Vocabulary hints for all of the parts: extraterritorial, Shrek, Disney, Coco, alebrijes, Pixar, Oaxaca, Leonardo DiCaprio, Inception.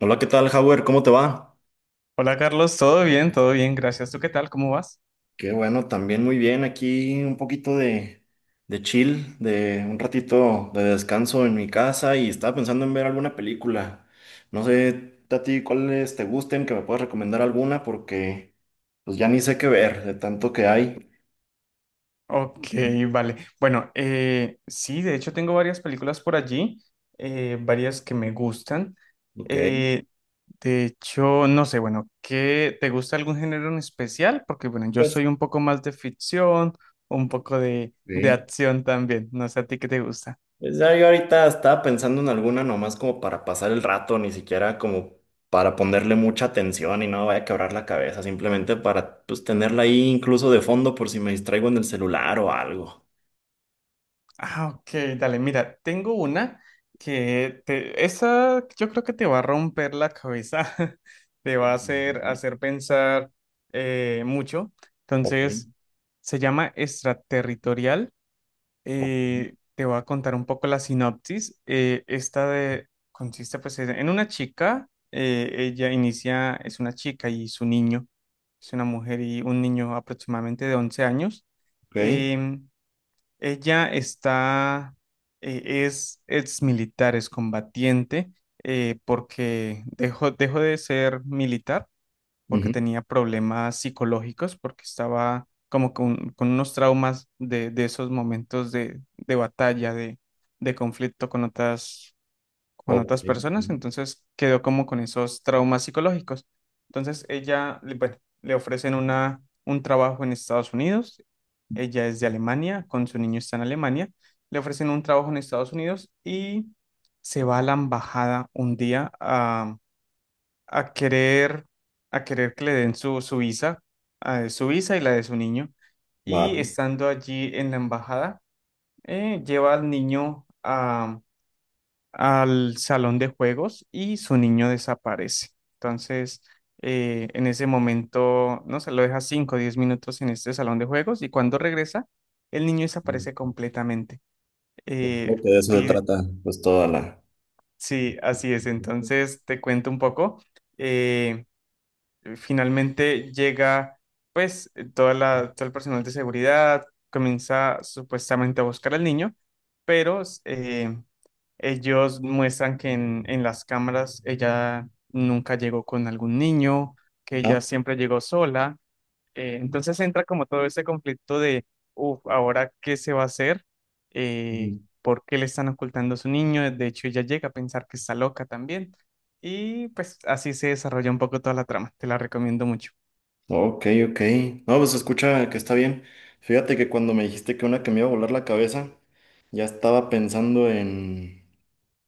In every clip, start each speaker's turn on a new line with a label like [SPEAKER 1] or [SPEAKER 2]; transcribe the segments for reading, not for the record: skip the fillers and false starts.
[SPEAKER 1] Hola, ¿qué tal, Howard? ¿Cómo te va?
[SPEAKER 2] Hola Carlos, todo bien, gracias. ¿Tú qué tal? ¿Cómo vas?
[SPEAKER 1] Qué bueno, también muy bien. Aquí un poquito de chill, de un ratito de descanso en mi casa y estaba pensando en ver alguna película. No sé a ti cuáles te gusten, que me puedas recomendar alguna porque pues ya ni sé qué ver de tanto que hay.
[SPEAKER 2] Ok, vale. Bueno, sí, de hecho tengo varias películas por allí, varias que me gustan.
[SPEAKER 1] Ok.
[SPEAKER 2] Eh, de hecho, no sé, bueno, ¿qué te gusta algún género en especial? Porque bueno, yo
[SPEAKER 1] Pues,
[SPEAKER 2] soy un poco más de ficción, un poco de
[SPEAKER 1] ok.
[SPEAKER 2] acción también. No sé a ti qué te gusta.
[SPEAKER 1] Pues ya yo ahorita estaba pensando en alguna nomás como para pasar el rato, ni siquiera como para ponerle mucha atención y no vaya a quebrar la cabeza, simplemente para pues tenerla ahí incluso de fondo por si me distraigo en el celular o algo.
[SPEAKER 2] Ah, ok, dale, mira, tengo una que te, esa yo creo que te va a romper la cabeza, te va a
[SPEAKER 1] Ujú.
[SPEAKER 2] hacer pensar mucho.
[SPEAKER 1] Ok,
[SPEAKER 2] Entonces, se llama extraterritorial.
[SPEAKER 1] ok,
[SPEAKER 2] Te voy a contar un poco la sinopsis. Esta de, consiste pues en una chica, ella inicia, es una chica y su niño, es una mujer y un niño aproximadamente de 11 años.
[SPEAKER 1] ok,
[SPEAKER 2] em, ella está, es ex militar, es combatiente, porque dejó de ser militar porque
[SPEAKER 1] ujú,
[SPEAKER 2] tenía problemas psicológicos, porque estaba como con unos traumas de esos momentos de batalla, de conflicto con
[SPEAKER 1] ok,
[SPEAKER 2] otras
[SPEAKER 1] ujú,
[SPEAKER 2] personas, entonces quedó como con esos traumas psicológicos. Entonces ella, le- bueno, le ofrecen una, un trabajo en Estados Unidos, ella es de Alemania, con su niño está en Alemania, le ofrecen un trabajo en Estados Unidos y se va a la embajada un día a querer, a querer que le den su, su visa y la de su niño. Y
[SPEAKER 1] vale.
[SPEAKER 2] estando allí en la embajada, lleva al niño al salón de juegos y su niño desaparece. Entonces, en ese momento, no se lo deja 5 o 10 minutos en este salón de juegos y cuando regresa, el niño desaparece completamente. Eh,
[SPEAKER 1] Creo que de eso se
[SPEAKER 2] pi-
[SPEAKER 1] trata pues toda la...
[SPEAKER 2] sí, así es.
[SPEAKER 1] Ujú.
[SPEAKER 2] Entonces, te cuento un poco. Eh, finalmente llega, pues, toda la, todo el personal de seguridad comienza supuestamente a buscar al niño, pero... ellos muestran que en las cámaras ella nunca llegó con algún niño, que ella
[SPEAKER 1] ¿Ah?
[SPEAKER 2] siempre llegó sola. Entonces entra como todo ese conflicto de, uff, ¿ahora qué se va a hacer? Eh, ¿Por qué le están ocultando a su niño? De hecho, ella llega a pensar que está loca también. Y pues así se desarrolla un poco toda la trama. Te la recomiendo mucho.
[SPEAKER 1] Ok, ok. No, pues se escucha que está bien. Fíjate que cuando me dijiste que una que me iba a volar la cabeza, ya estaba pensando en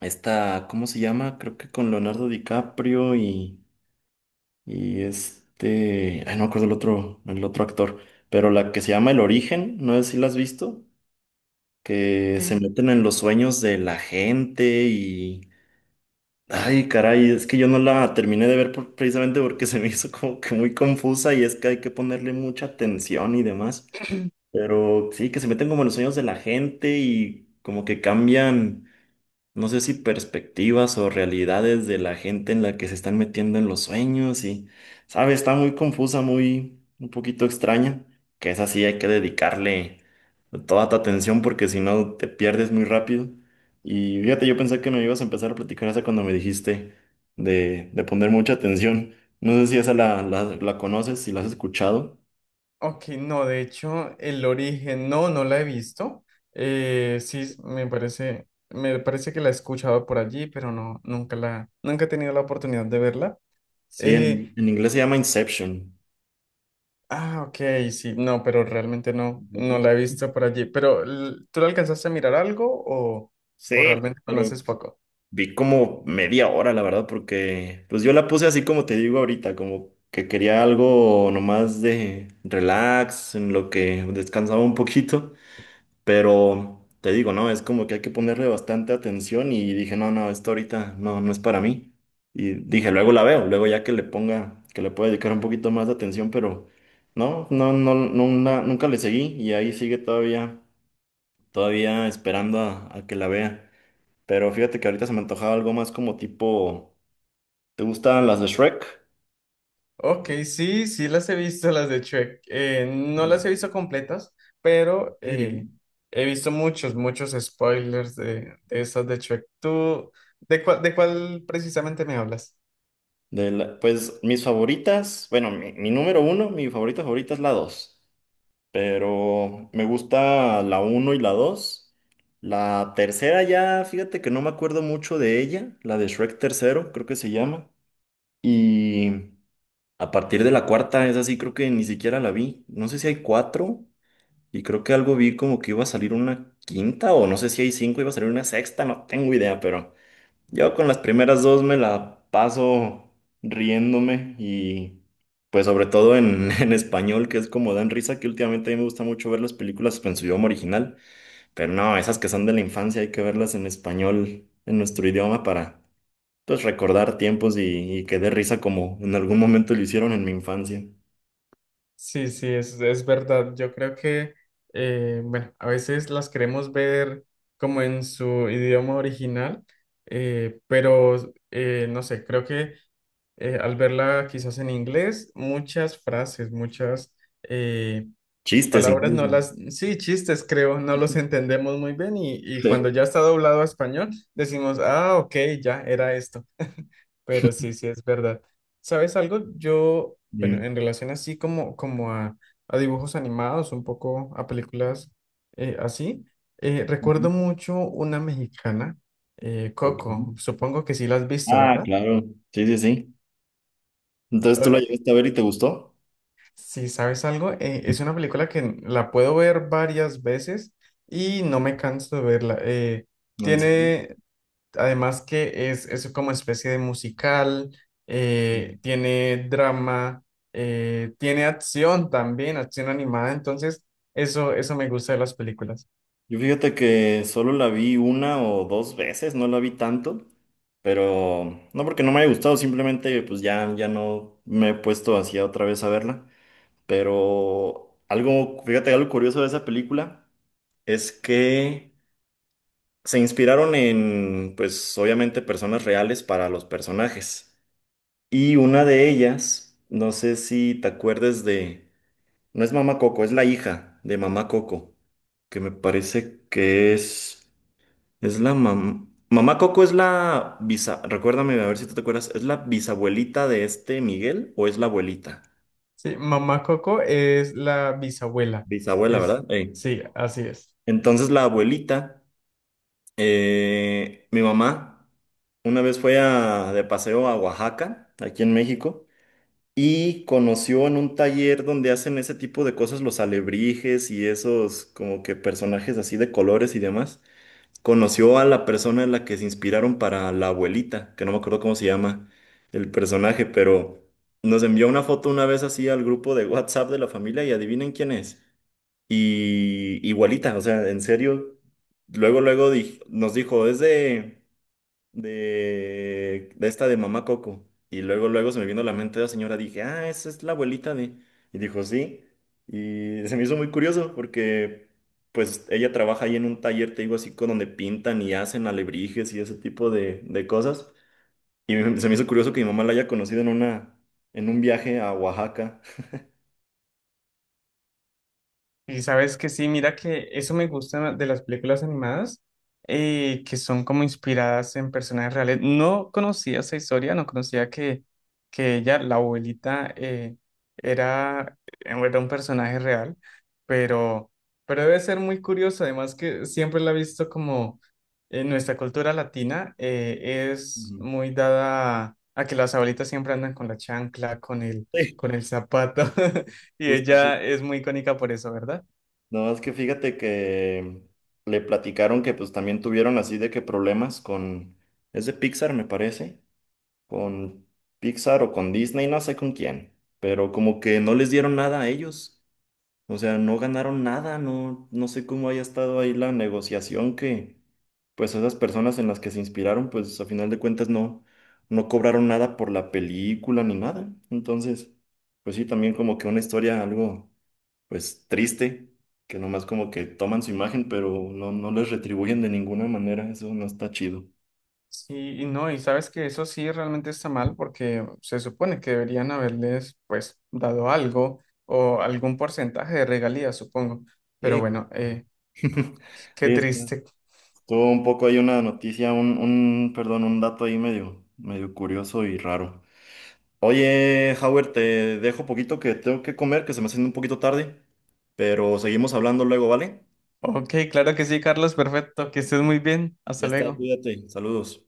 [SPEAKER 1] esta, ¿cómo se llama? Creo que con Leonardo DiCaprio y, y, ay, no me acuerdo el otro actor, pero la que se llama El Origen, no sé si la has visto, que se
[SPEAKER 2] Sí,
[SPEAKER 1] meten en los sueños de la gente. Ay, caray, es que yo no la terminé de ver precisamente porque se me hizo como que muy confusa y es que hay que ponerle mucha atención y demás. Pero sí, que se meten como en los sueños de la gente y como que cambian, no sé si perspectivas o realidades de la gente en la que se están metiendo en los sueños y, sabe, está muy confusa, muy un poquito extraña, que es así, hay que dedicarle toda tu atención porque si no te pierdes muy rápido. Y fíjate, yo pensé que me ibas a empezar a platicar esa cuando me dijiste de, poner mucha atención. No sé si esa la conoces, si la has escuchado.
[SPEAKER 2] ok, no, de hecho, el origen no, no la he visto. Sí, me parece que la he escuchado por allí, pero no, nunca he tenido la oportunidad de verla.
[SPEAKER 1] Sí, en,
[SPEAKER 2] Eh,
[SPEAKER 1] inglés se llama Inception.
[SPEAKER 2] ah, ok, sí, no, pero realmente no, no la he visto por allí. ¿Tú la alcanzaste a mirar algo
[SPEAKER 1] Sí,
[SPEAKER 2] o realmente
[SPEAKER 1] pero
[SPEAKER 2] conoces poco?
[SPEAKER 1] vi como media hora, la verdad, porque pues yo la puse así como te digo ahorita, como que quería algo nomás de relax, en lo que descansaba un poquito, pero te digo, no, es como que hay que ponerle bastante atención y dije, no, no, esto ahorita no, no es para mí. Y dije, luego la veo, luego ya que le ponga, que le pueda dedicar un poquito más de atención, pero no, no, no, no, nunca le seguí y ahí sigue todavía, todavía esperando a que la vea. Pero fíjate que ahorita se me antojaba algo más como tipo, ¿te gustan las de Shrek?
[SPEAKER 2] Ok, sí, sí las he visto, las de Shrek. No las
[SPEAKER 1] ¿En
[SPEAKER 2] he visto completas, pero
[SPEAKER 1] serio?
[SPEAKER 2] he visto muchos, muchos spoilers de esas de Shrek. ¿Tú de cuál precisamente me hablas?
[SPEAKER 1] Pues mis favoritas, bueno, mi número uno, mi favorita favorita es la dos, pero me gusta la uno y la dos. La tercera ya, fíjate que no me acuerdo mucho de ella, la de Shrek tercero, creo que se llama. Y a partir de la cuarta, es así, creo que ni siquiera la vi. No sé si hay cuatro. Y creo que algo vi como que iba a salir una quinta o no sé si hay cinco, iba a salir una sexta, no tengo idea, pero yo con las primeras dos me la paso riéndome y pues sobre todo en, en español, que es como dan risa, que últimamente a mí me gusta mucho ver las películas en su idioma original, pero no, esas que son de la infancia hay que verlas en español, en nuestro idioma para pues recordar tiempos y que dé risa como en algún momento lo hicieron en mi infancia.
[SPEAKER 2] Sí, sí, es verdad. Yo creo que, bueno, a veces las queremos ver como en su idioma original, no sé, creo que al verla quizás en inglés, muchas frases, muchas... eh,
[SPEAKER 1] Chistes
[SPEAKER 2] Palabras no
[SPEAKER 1] incluso.
[SPEAKER 2] las, sí, chistes creo, no los entendemos muy bien y cuando
[SPEAKER 1] Sí.
[SPEAKER 2] ya está doblado a español decimos, ah, ok, ya era esto, pero sí, sí es verdad. ¿Sabes algo? Yo, bueno, en relación así como, como a dibujos animados, un poco a películas eh, así,
[SPEAKER 1] Ujú.
[SPEAKER 2] recuerdo mucho una mexicana,
[SPEAKER 1] Ok.
[SPEAKER 2] Coco, supongo que sí la has visto,
[SPEAKER 1] Ah,
[SPEAKER 2] ¿verdad?
[SPEAKER 1] claro. Sí, sí, sí. Entonces tú la llegaste a ver y te gustó.
[SPEAKER 2] Sí, ¿sabes algo? Es una película que la puedo ver varias veces y no me canso de verla.
[SPEAKER 1] ¿En serio?
[SPEAKER 2] Tiene, además que es como especie de musical,
[SPEAKER 1] Mm.
[SPEAKER 2] tiene drama, tiene acción también, acción animada, entonces eso me gusta de las películas.
[SPEAKER 1] Yo fíjate que solo la vi una o dos veces, no la vi tanto, pero no porque no me haya gustado, simplemente pues ya, ya no me he puesto así otra vez a verla. Pero algo, fíjate, algo curioso de esa película es que se inspiraron en, pues obviamente, personas reales para los personajes. Y una de ellas, no sé si te acuerdes de... No es Mamá Coco, es la hija de Mamá Coco, que me parece que es, la mamá. Mamá Coco es la bisa, recuérdame a ver si tú te acuerdas, ¿es la bisabuelita de este Miguel o es la abuelita?
[SPEAKER 2] Sí, Mamá Coco es la bisabuela.
[SPEAKER 1] Bisabuela,
[SPEAKER 2] Es,
[SPEAKER 1] ¿verdad? Ey.
[SPEAKER 2] sí, así es.
[SPEAKER 1] Entonces la abuelita, mi mamá, una vez fue de paseo a Oaxaca, aquí en México, y conoció en un taller donde hacen ese tipo de cosas los alebrijes y esos como que personajes así de colores y demás. Conoció a la persona en la que se inspiraron para la abuelita, que no me acuerdo cómo se llama el personaje, pero nos envió una foto una vez así al grupo de WhatsApp de la familia y adivinen quién es. Y igualita, o sea, en serio, luego, luego nos dijo, es de de esta de Mamá Coco. Y luego, luego se me vino a la mente la señora, dije, ah, esa es la abuelita de... Y dijo, sí. Y se me hizo muy curioso porque, pues, ella trabaja ahí en un taller, te digo, así, con donde pintan y hacen alebrijes y ese tipo de, cosas. Y se me hizo curioso que mi mamá la haya conocido en una, en un viaje a Oaxaca.
[SPEAKER 2] Y sabes que sí, mira que eso me gusta de las películas animadas, que son como inspiradas en personas reales. No conocía esa historia, no conocía que ella, la abuelita, era, era un personaje real, pero, pero debe ser muy curioso, además que siempre la he visto como en nuestra cultura latina, es
[SPEAKER 1] Ujú.
[SPEAKER 2] muy dada a que las abuelitas siempre andan con la chancla,
[SPEAKER 1] Sí,
[SPEAKER 2] con el zapato, y
[SPEAKER 1] justo, justo.
[SPEAKER 2] ella es muy icónica por eso, ¿verdad?
[SPEAKER 1] No, es que fíjate que le platicaron que pues también tuvieron así de que problemas con... Es de Pixar, me parece. Con Pixar o con Disney, no sé con quién, pero como que no les dieron nada a ellos. O sea, no ganaron nada, no, no sé cómo haya estado ahí la negociación que, pues esas personas en las que se inspiraron, pues a final de cuentas no, no cobraron nada por la película ni nada. Entonces, pues sí, también como que una historia algo, pues triste, que nomás como que toman su imagen, pero no, no les retribuyen de ninguna manera, eso no está chido.
[SPEAKER 2] Sí, y no, y sabes que eso sí realmente está mal porque se supone que deberían haberles pues dado algo o algún porcentaje de regalías, supongo. Pero
[SPEAKER 1] Sí.
[SPEAKER 2] bueno, qué
[SPEAKER 1] Sí, está
[SPEAKER 2] triste.
[SPEAKER 1] tuvo un poco ahí una noticia, perdón, un dato ahí medio, medio curioso y raro. Oye, Howard, te dejo poquito que tengo que comer, que se me haciendo un poquito tarde, pero seguimos hablando luego, ¿vale?
[SPEAKER 2] Ok, claro que sí, Carlos, perfecto, que estés muy bien.
[SPEAKER 1] Ya
[SPEAKER 2] Hasta
[SPEAKER 1] está,
[SPEAKER 2] luego.
[SPEAKER 1] cuídate. Saludos.